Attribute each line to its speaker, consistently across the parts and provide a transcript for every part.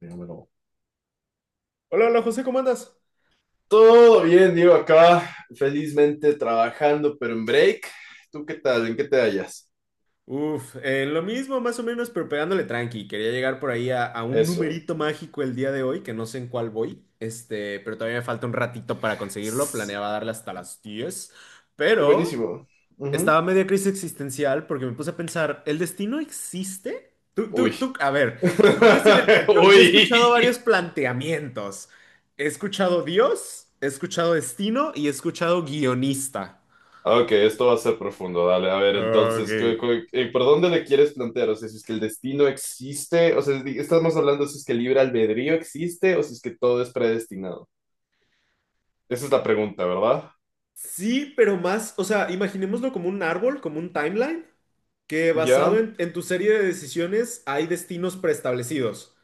Speaker 1: Dígamelo.
Speaker 2: Hola, hola José, ¿cómo andas?
Speaker 1: Todo bien, Diego, acá felizmente trabajando, pero en break. ¿Tú qué tal? ¿En qué te hallas?
Speaker 2: Uf, lo mismo más o menos, pero pegándole tranqui. Quería llegar por ahí a un
Speaker 1: Eso.
Speaker 2: numerito mágico el día de hoy, que no sé en cuál voy, pero todavía me falta un ratito para conseguirlo.
Speaker 1: S-
Speaker 2: Planeaba darle hasta las 10, pero
Speaker 1: Buenísimo.
Speaker 2: estaba
Speaker 1: Ujú.
Speaker 2: media crisis existencial porque me puse a pensar, ¿el destino existe? Tú,
Speaker 1: Uy.
Speaker 2: tú, tú, a ver, ¿tú crees en el...? Yo he
Speaker 1: Uy.
Speaker 2: escuchado varios planteamientos. He escuchado Dios, he escuchado destino y he escuchado guionista.
Speaker 1: Ok, esto va a ser profundo. Dale, a ver,
Speaker 2: Ok.
Speaker 1: entonces, ¿por dónde le quieres plantear? O sea, si es que el destino existe, o sea, estamos hablando si es que el libre albedrío existe o si es que todo es predestinado. Esa es la pregunta, ¿verdad?
Speaker 2: Sí, pero más, o sea, imaginémoslo como un árbol, como un timeline, que basado
Speaker 1: Ya.
Speaker 2: en tu serie de decisiones hay destinos preestablecidos.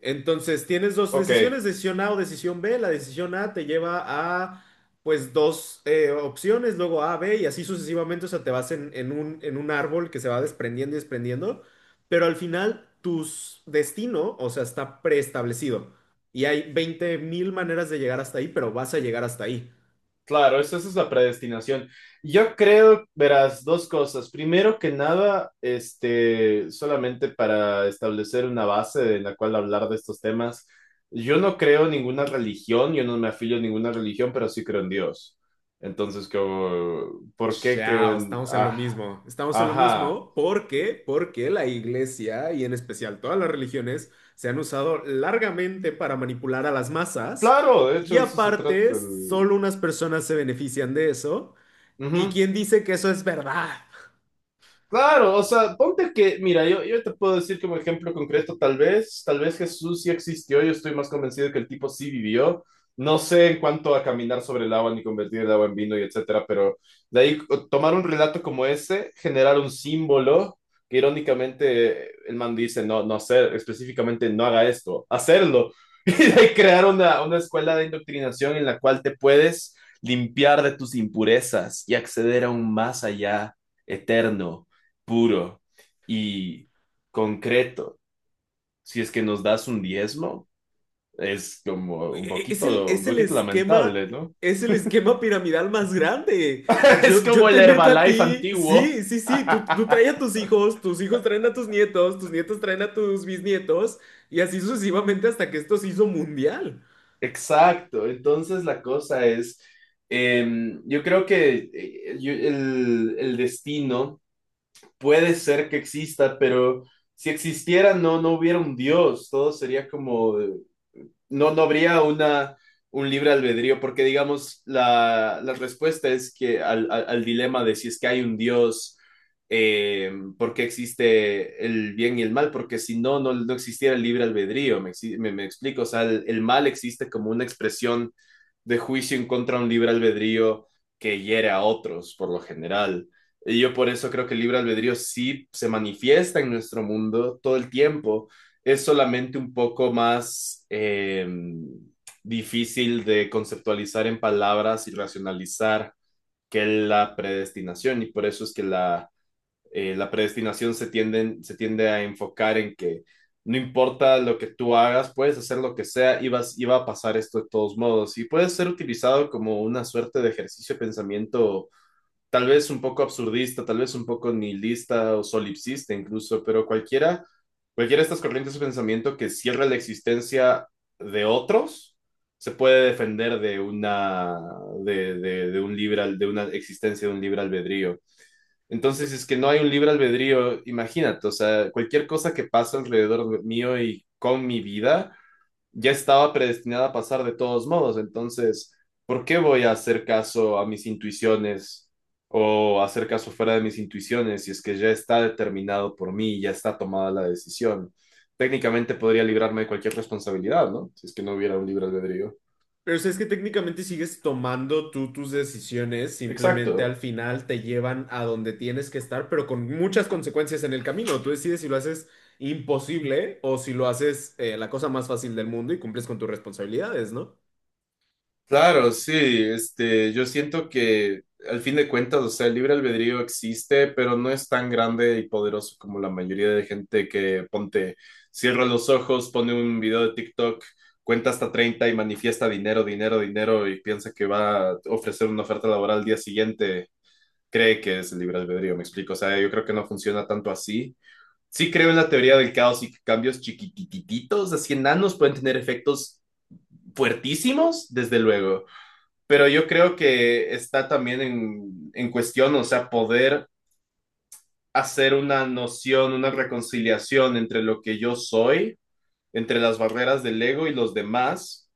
Speaker 2: Entonces, tienes dos
Speaker 1: Ok,
Speaker 2: decisiones, decisión A o decisión B. La decisión A te lleva a, pues, dos opciones, luego A, B, y así sucesivamente, o sea, te vas en un árbol que se va desprendiendo y desprendiendo, pero al final tu destino, o sea, está preestablecido. Y hay 20.000 maneras de llegar hasta ahí, pero vas a llegar hasta ahí.
Speaker 1: claro, esa es la predestinación. Yo creo, verás, dos cosas. Primero que nada, solamente para establecer una base en la cual hablar de estos temas, yo no creo en ninguna religión, yo no me afilio a ninguna religión, pero sí creo en Dios. Entonces, como, ¿por qué creo
Speaker 2: Chao,
Speaker 1: en?
Speaker 2: estamos en lo
Speaker 1: Ah,
Speaker 2: mismo. Estamos en lo
Speaker 1: ajá.
Speaker 2: mismo porque la iglesia y en especial todas las religiones se han usado largamente para manipular a las masas
Speaker 1: Claro, de
Speaker 2: y
Speaker 1: hecho, de eso se trata.
Speaker 2: aparte solo unas personas se benefician de eso. ¿Y
Speaker 1: Ujú.
Speaker 2: quién dice que eso es verdad?
Speaker 1: Claro, o sea, ponte que, mira, yo te puedo decir como ejemplo concreto, tal vez Jesús sí existió, yo estoy más convencido que el tipo sí vivió. No sé en cuanto a caminar sobre el agua ni convertir el agua en vino y etcétera, pero de ahí tomar un relato como ese, generar un símbolo que irónicamente el man dice, no, no hacer, específicamente no haga esto, hacerlo. Y de ahí crear una escuela de indoctrinación en la cual te puedes limpiar de tus impurezas y acceder a un más allá eterno, puro y concreto. Si es que nos das un diezmo, es como
Speaker 2: Es
Speaker 1: un
Speaker 2: es el
Speaker 1: poquito lamentable, ¿no?
Speaker 2: es el esquema piramidal más grande.
Speaker 1: Es
Speaker 2: Yo
Speaker 1: como el
Speaker 2: te meto a
Speaker 1: Herbalife
Speaker 2: ti,
Speaker 1: antiguo.
Speaker 2: sí, sí, sí, tú traes a tus hijos traen a tus nietos traen a tus bisnietos, y así sucesivamente hasta que esto se hizo mundial.
Speaker 1: Exacto, entonces la cosa es, eh, yo creo que el destino puede ser que exista, pero si existiera no, no hubiera un Dios, todo sería como no, no habría un libre albedrío, porque digamos, la respuesta es que al dilema de si es que hay un Dios, eh, por qué existe el bien y el mal, porque si no, no, no existiera el libre albedrío, me explico, o sea, el mal existe como una expresión de juicio en contra de un libre albedrío que hiere a otros, por lo general. Y yo por eso creo que el libre albedrío sí se manifiesta en nuestro mundo todo el tiempo, es solamente un poco más difícil de conceptualizar en palabras y racionalizar que la predestinación, y por eso es que la predestinación se tiende a enfocar en que no importa lo que tú hagas, puedes hacer lo que sea y va a pasar esto de todos modos, y puede ser utilizado como una suerte de ejercicio de pensamiento tal vez un poco absurdista, tal vez un poco nihilista o solipsista incluso, pero cualquiera de estas corrientes de pensamiento que cierra la existencia de otros se puede defender de una de una existencia de un libre albedrío. Entonces, si es que no hay un libre albedrío, imagínate, o sea, cualquier cosa que pasa alrededor mío y con mi vida ya estaba predestinada a pasar de todos modos. Entonces, ¿por qué voy a hacer caso a mis intuiciones o hacer caso fuera de mis intuiciones si es que ya está determinado por mí, ya está tomada la decisión? Técnicamente podría librarme de cualquier responsabilidad, ¿no? Si es que no hubiera un libre albedrío.
Speaker 2: Pero o sea, es que técnicamente sigues tomando tú tus decisiones, simplemente al
Speaker 1: Exacto.
Speaker 2: final te llevan a donde tienes que estar, pero con muchas consecuencias en el camino. Tú decides si lo haces imposible o si lo haces la cosa más fácil del mundo y cumples con tus responsabilidades, ¿no?
Speaker 1: Claro, sí, yo siento que al fin de cuentas, o sea, el libre albedrío existe, pero no es tan grande y poderoso como la mayoría de gente que ponte, cierra los ojos, pone un video de TikTok, cuenta hasta 30 y manifiesta dinero, dinero, dinero y piensa que va a ofrecer una oferta laboral al día siguiente, cree que es el libre albedrío, me explico, o sea, yo creo que no funciona tanto así. Sí creo en la teoría del caos y que cambios chiquitititos, así enanos pueden tener efectos fuertísimos, desde luego, pero yo creo que está también en cuestión, o sea, poder hacer una noción, una reconciliación entre lo que yo soy, entre las barreras del ego y los demás,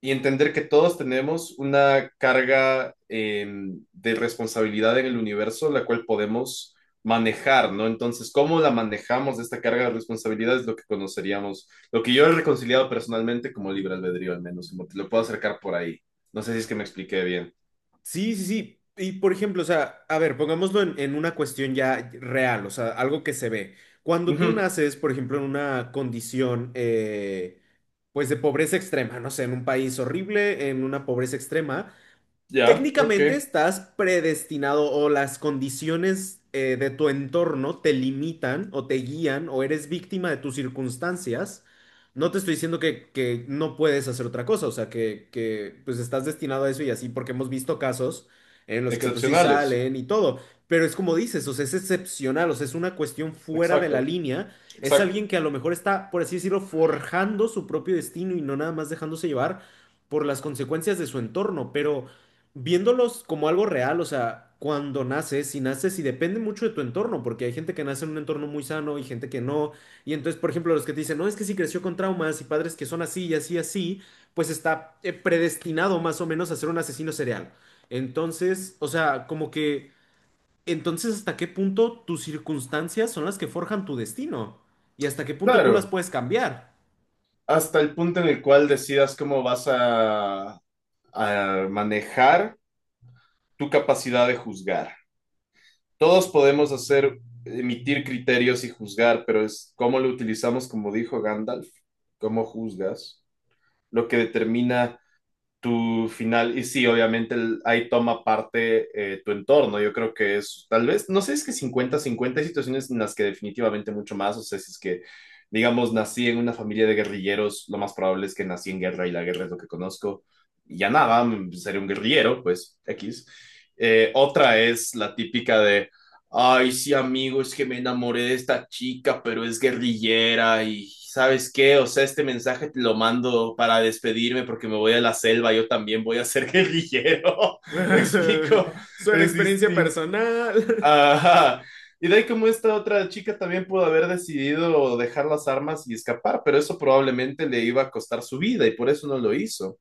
Speaker 1: y entender que todos tenemos una carga de responsabilidad en el universo, la cual podemos manejar, ¿no? Entonces, ¿cómo la manejamos esta carga de responsabilidad? Es lo que conoceríamos, lo que yo he reconciliado personalmente como libre albedrío, al menos, como te lo puedo acercar por ahí. No sé si es que me expliqué bien.
Speaker 2: Sí, sí, sí. Y por ejemplo, o sea, a ver, pongámoslo en una cuestión ya real, o sea, algo que se ve. Cuando tú
Speaker 1: Ujú.
Speaker 2: naces, por ejemplo, en una condición, pues de pobreza extrema, no sé, en un país horrible, en una pobreza extrema.
Speaker 1: Ya, ok.
Speaker 2: Técnicamente estás predestinado o las condiciones de tu entorno te limitan o te guían o eres víctima de tus circunstancias. No te estoy diciendo que no puedes hacer otra cosa, o sea, que pues estás destinado a eso y así, porque hemos visto casos en los que pues sí
Speaker 1: Excepcionales.
Speaker 2: salen y todo, pero es como dices, o sea, es excepcional, o sea, es una cuestión fuera de la
Speaker 1: Exacto,
Speaker 2: línea, es
Speaker 1: exacto.
Speaker 2: alguien que a lo mejor está, por así decirlo, forjando su propio destino y no nada más dejándose llevar por las consecuencias de su entorno, pero viéndolos como algo real, o sea, cuando naces, si naces, y depende mucho de tu entorno, porque hay gente que nace en un entorno muy sano y gente que no, y entonces, por ejemplo, los que te dicen, no, es que si creció con traumas y padres que son así y así, y así, pues está predestinado más o menos a ser un asesino serial. Entonces, o sea, como que, entonces, ¿hasta qué punto tus circunstancias son las que forjan tu destino? ¿Y hasta qué punto tú las
Speaker 1: Claro,
Speaker 2: puedes cambiar?
Speaker 1: hasta el punto en el cual decidas cómo vas a manejar tu capacidad de juzgar. Todos podemos hacer, emitir criterios y juzgar, pero es cómo lo utilizamos, como dijo Gandalf, cómo juzgas, lo que determina tu final, y sí, obviamente ahí toma parte tu entorno, yo creo que es tal vez, no sé, es que 50-50, hay situaciones en las que definitivamente mucho más, o sea, si es que, digamos, nací en una familia de guerrilleros, lo más probable es que nací en guerra y la guerra es lo que conozco, y ya nada, seré un guerrillero, pues X. Otra es la típica de ay, sí, amigo, es que me enamoré de esta chica, pero es guerrillera y ¿sabes qué? O sea, este mensaje te lo mando para despedirme porque me voy a la selva, yo también voy a ser guerrillero. ¿Me explico?
Speaker 2: Suena a
Speaker 1: Es
Speaker 2: experiencia
Speaker 1: distinto.
Speaker 2: personal.
Speaker 1: Ajá. Y de ahí como esta otra chica también pudo haber decidido dejar las armas y escapar, pero eso probablemente le iba a costar su vida y por eso no lo hizo.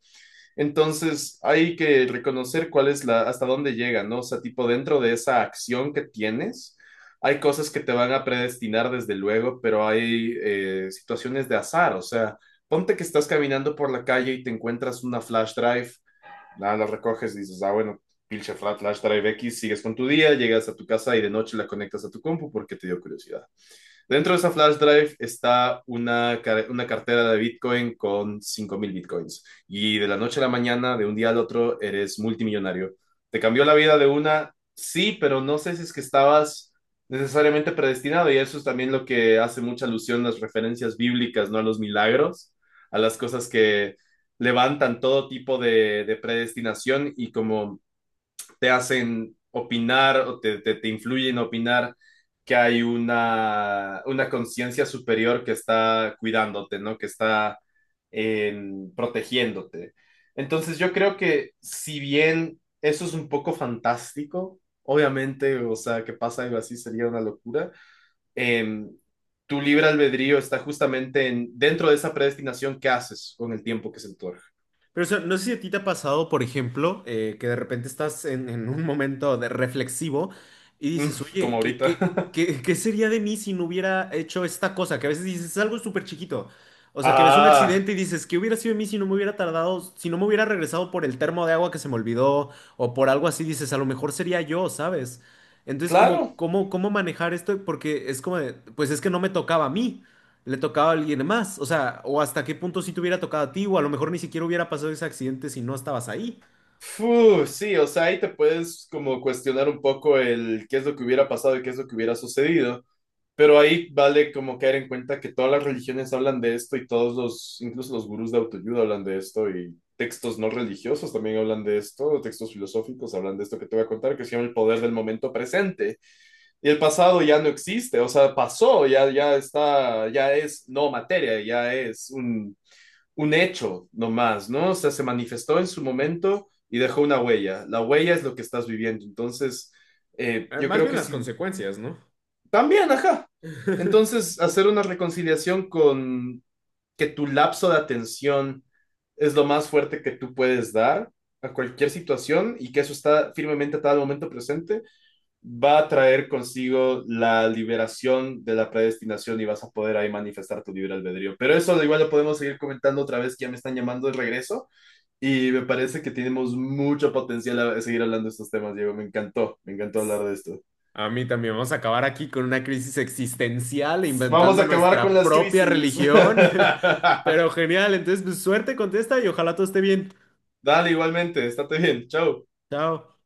Speaker 1: Entonces, hay que reconocer cuál es hasta dónde llega, ¿no? O sea, tipo, dentro de esa acción que tienes, hay cosas que te van a predestinar desde luego, pero hay situaciones de azar. O sea, ponte que estás caminando por la calle y te encuentras una flash drive, nada, la recoges y dices, ah, bueno, pinche flash drive X, sigues con tu día, llegas a tu casa y de noche la conectas a tu compu porque te dio curiosidad. Dentro de esa flash drive está una cartera de Bitcoin con 5000 Bitcoins. Y de la noche a la mañana, de un día al otro, eres multimillonario. ¿Te cambió la vida de una? Sí, pero no sé si es que estabas necesariamente predestinado. Y eso es también lo que hace mucha alusión a las referencias bíblicas, ¿no? A los milagros, a las cosas que levantan todo tipo de predestinación y como te hacen opinar o te influyen a opinar que hay una conciencia superior que está cuidándote, ¿no? Que está protegiéndote. Entonces yo creo que si bien eso es un poco fantástico, obviamente, o sea, que pasa algo así sería una locura, em, tu libre albedrío está justamente dentro de esa predestinación que haces con el tiempo que se te otorga.
Speaker 2: Pero o sea, no sé si a ti te ha pasado, por ejemplo, que de repente estás en un momento de reflexivo y
Speaker 1: Mm,
Speaker 2: dices,
Speaker 1: como
Speaker 2: oye,
Speaker 1: ahorita.
Speaker 2: qué sería de mí si no hubiera hecho esta cosa? Que a veces dices, es algo súper chiquito. O sea, que ves un
Speaker 1: Ah,
Speaker 2: accidente y dices, ¿qué hubiera sido de mí si no me hubiera tardado, si no me hubiera regresado por el termo de agua que se me olvidó o por algo así? Dices, a lo mejor sería yo, ¿sabes? Entonces, como,
Speaker 1: claro,
Speaker 2: ¿cómo manejar esto? Porque es como, de, pues es que no me tocaba a mí, le tocaba a alguien más. O sea, o hasta qué punto sí te hubiera tocado a ti, o a lo mejor ni siquiera hubiera pasado ese accidente si no estabas ahí.
Speaker 1: fu, sí, o sea, ahí te puedes como cuestionar un poco el qué es lo que hubiera pasado y qué es lo que hubiera sucedido, pero ahí vale como caer en cuenta que todas las religiones hablan de esto y todos incluso los gurús de autoayuda hablan de esto y textos no religiosos también hablan de esto, textos filosóficos hablan de esto que te voy a contar, que se llama el poder del momento presente y el pasado ya no existe, o sea, pasó, ya, ya está, ya es no materia, ya es un hecho nomás, ¿no? O sea, se manifestó en su momento y dejó una huella. La huella es lo que estás viviendo. Entonces, yo
Speaker 2: Más
Speaker 1: creo
Speaker 2: bien
Speaker 1: que
Speaker 2: las
Speaker 1: sí.
Speaker 2: consecuencias, ¿no?
Speaker 1: También, ajá. Entonces, hacer una reconciliación con que tu lapso de atención es lo más fuerte que tú puedes dar a cualquier situación y que eso está firmemente atado al momento presente, va a traer consigo la liberación de la predestinación y vas a poder ahí manifestar tu libre albedrío. Pero eso igual lo podemos seguir comentando otra vez, que ya me están llamando de regreso y me parece que tenemos mucho potencial a seguir hablando de estos temas, Diego. Me encantó hablar de esto.
Speaker 2: A mí también vamos a acabar aquí con una crisis existencial
Speaker 1: Vamos
Speaker 2: inventando
Speaker 1: a acabar con
Speaker 2: nuestra
Speaker 1: las
Speaker 2: propia
Speaker 1: crisis.
Speaker 2: religión. Pero genial, entonces pues, suerte con esta y ojalá todo esté bien.
Speaker 1: Dale, igualmente, estate bien, chao.
Speaker 2: Chao.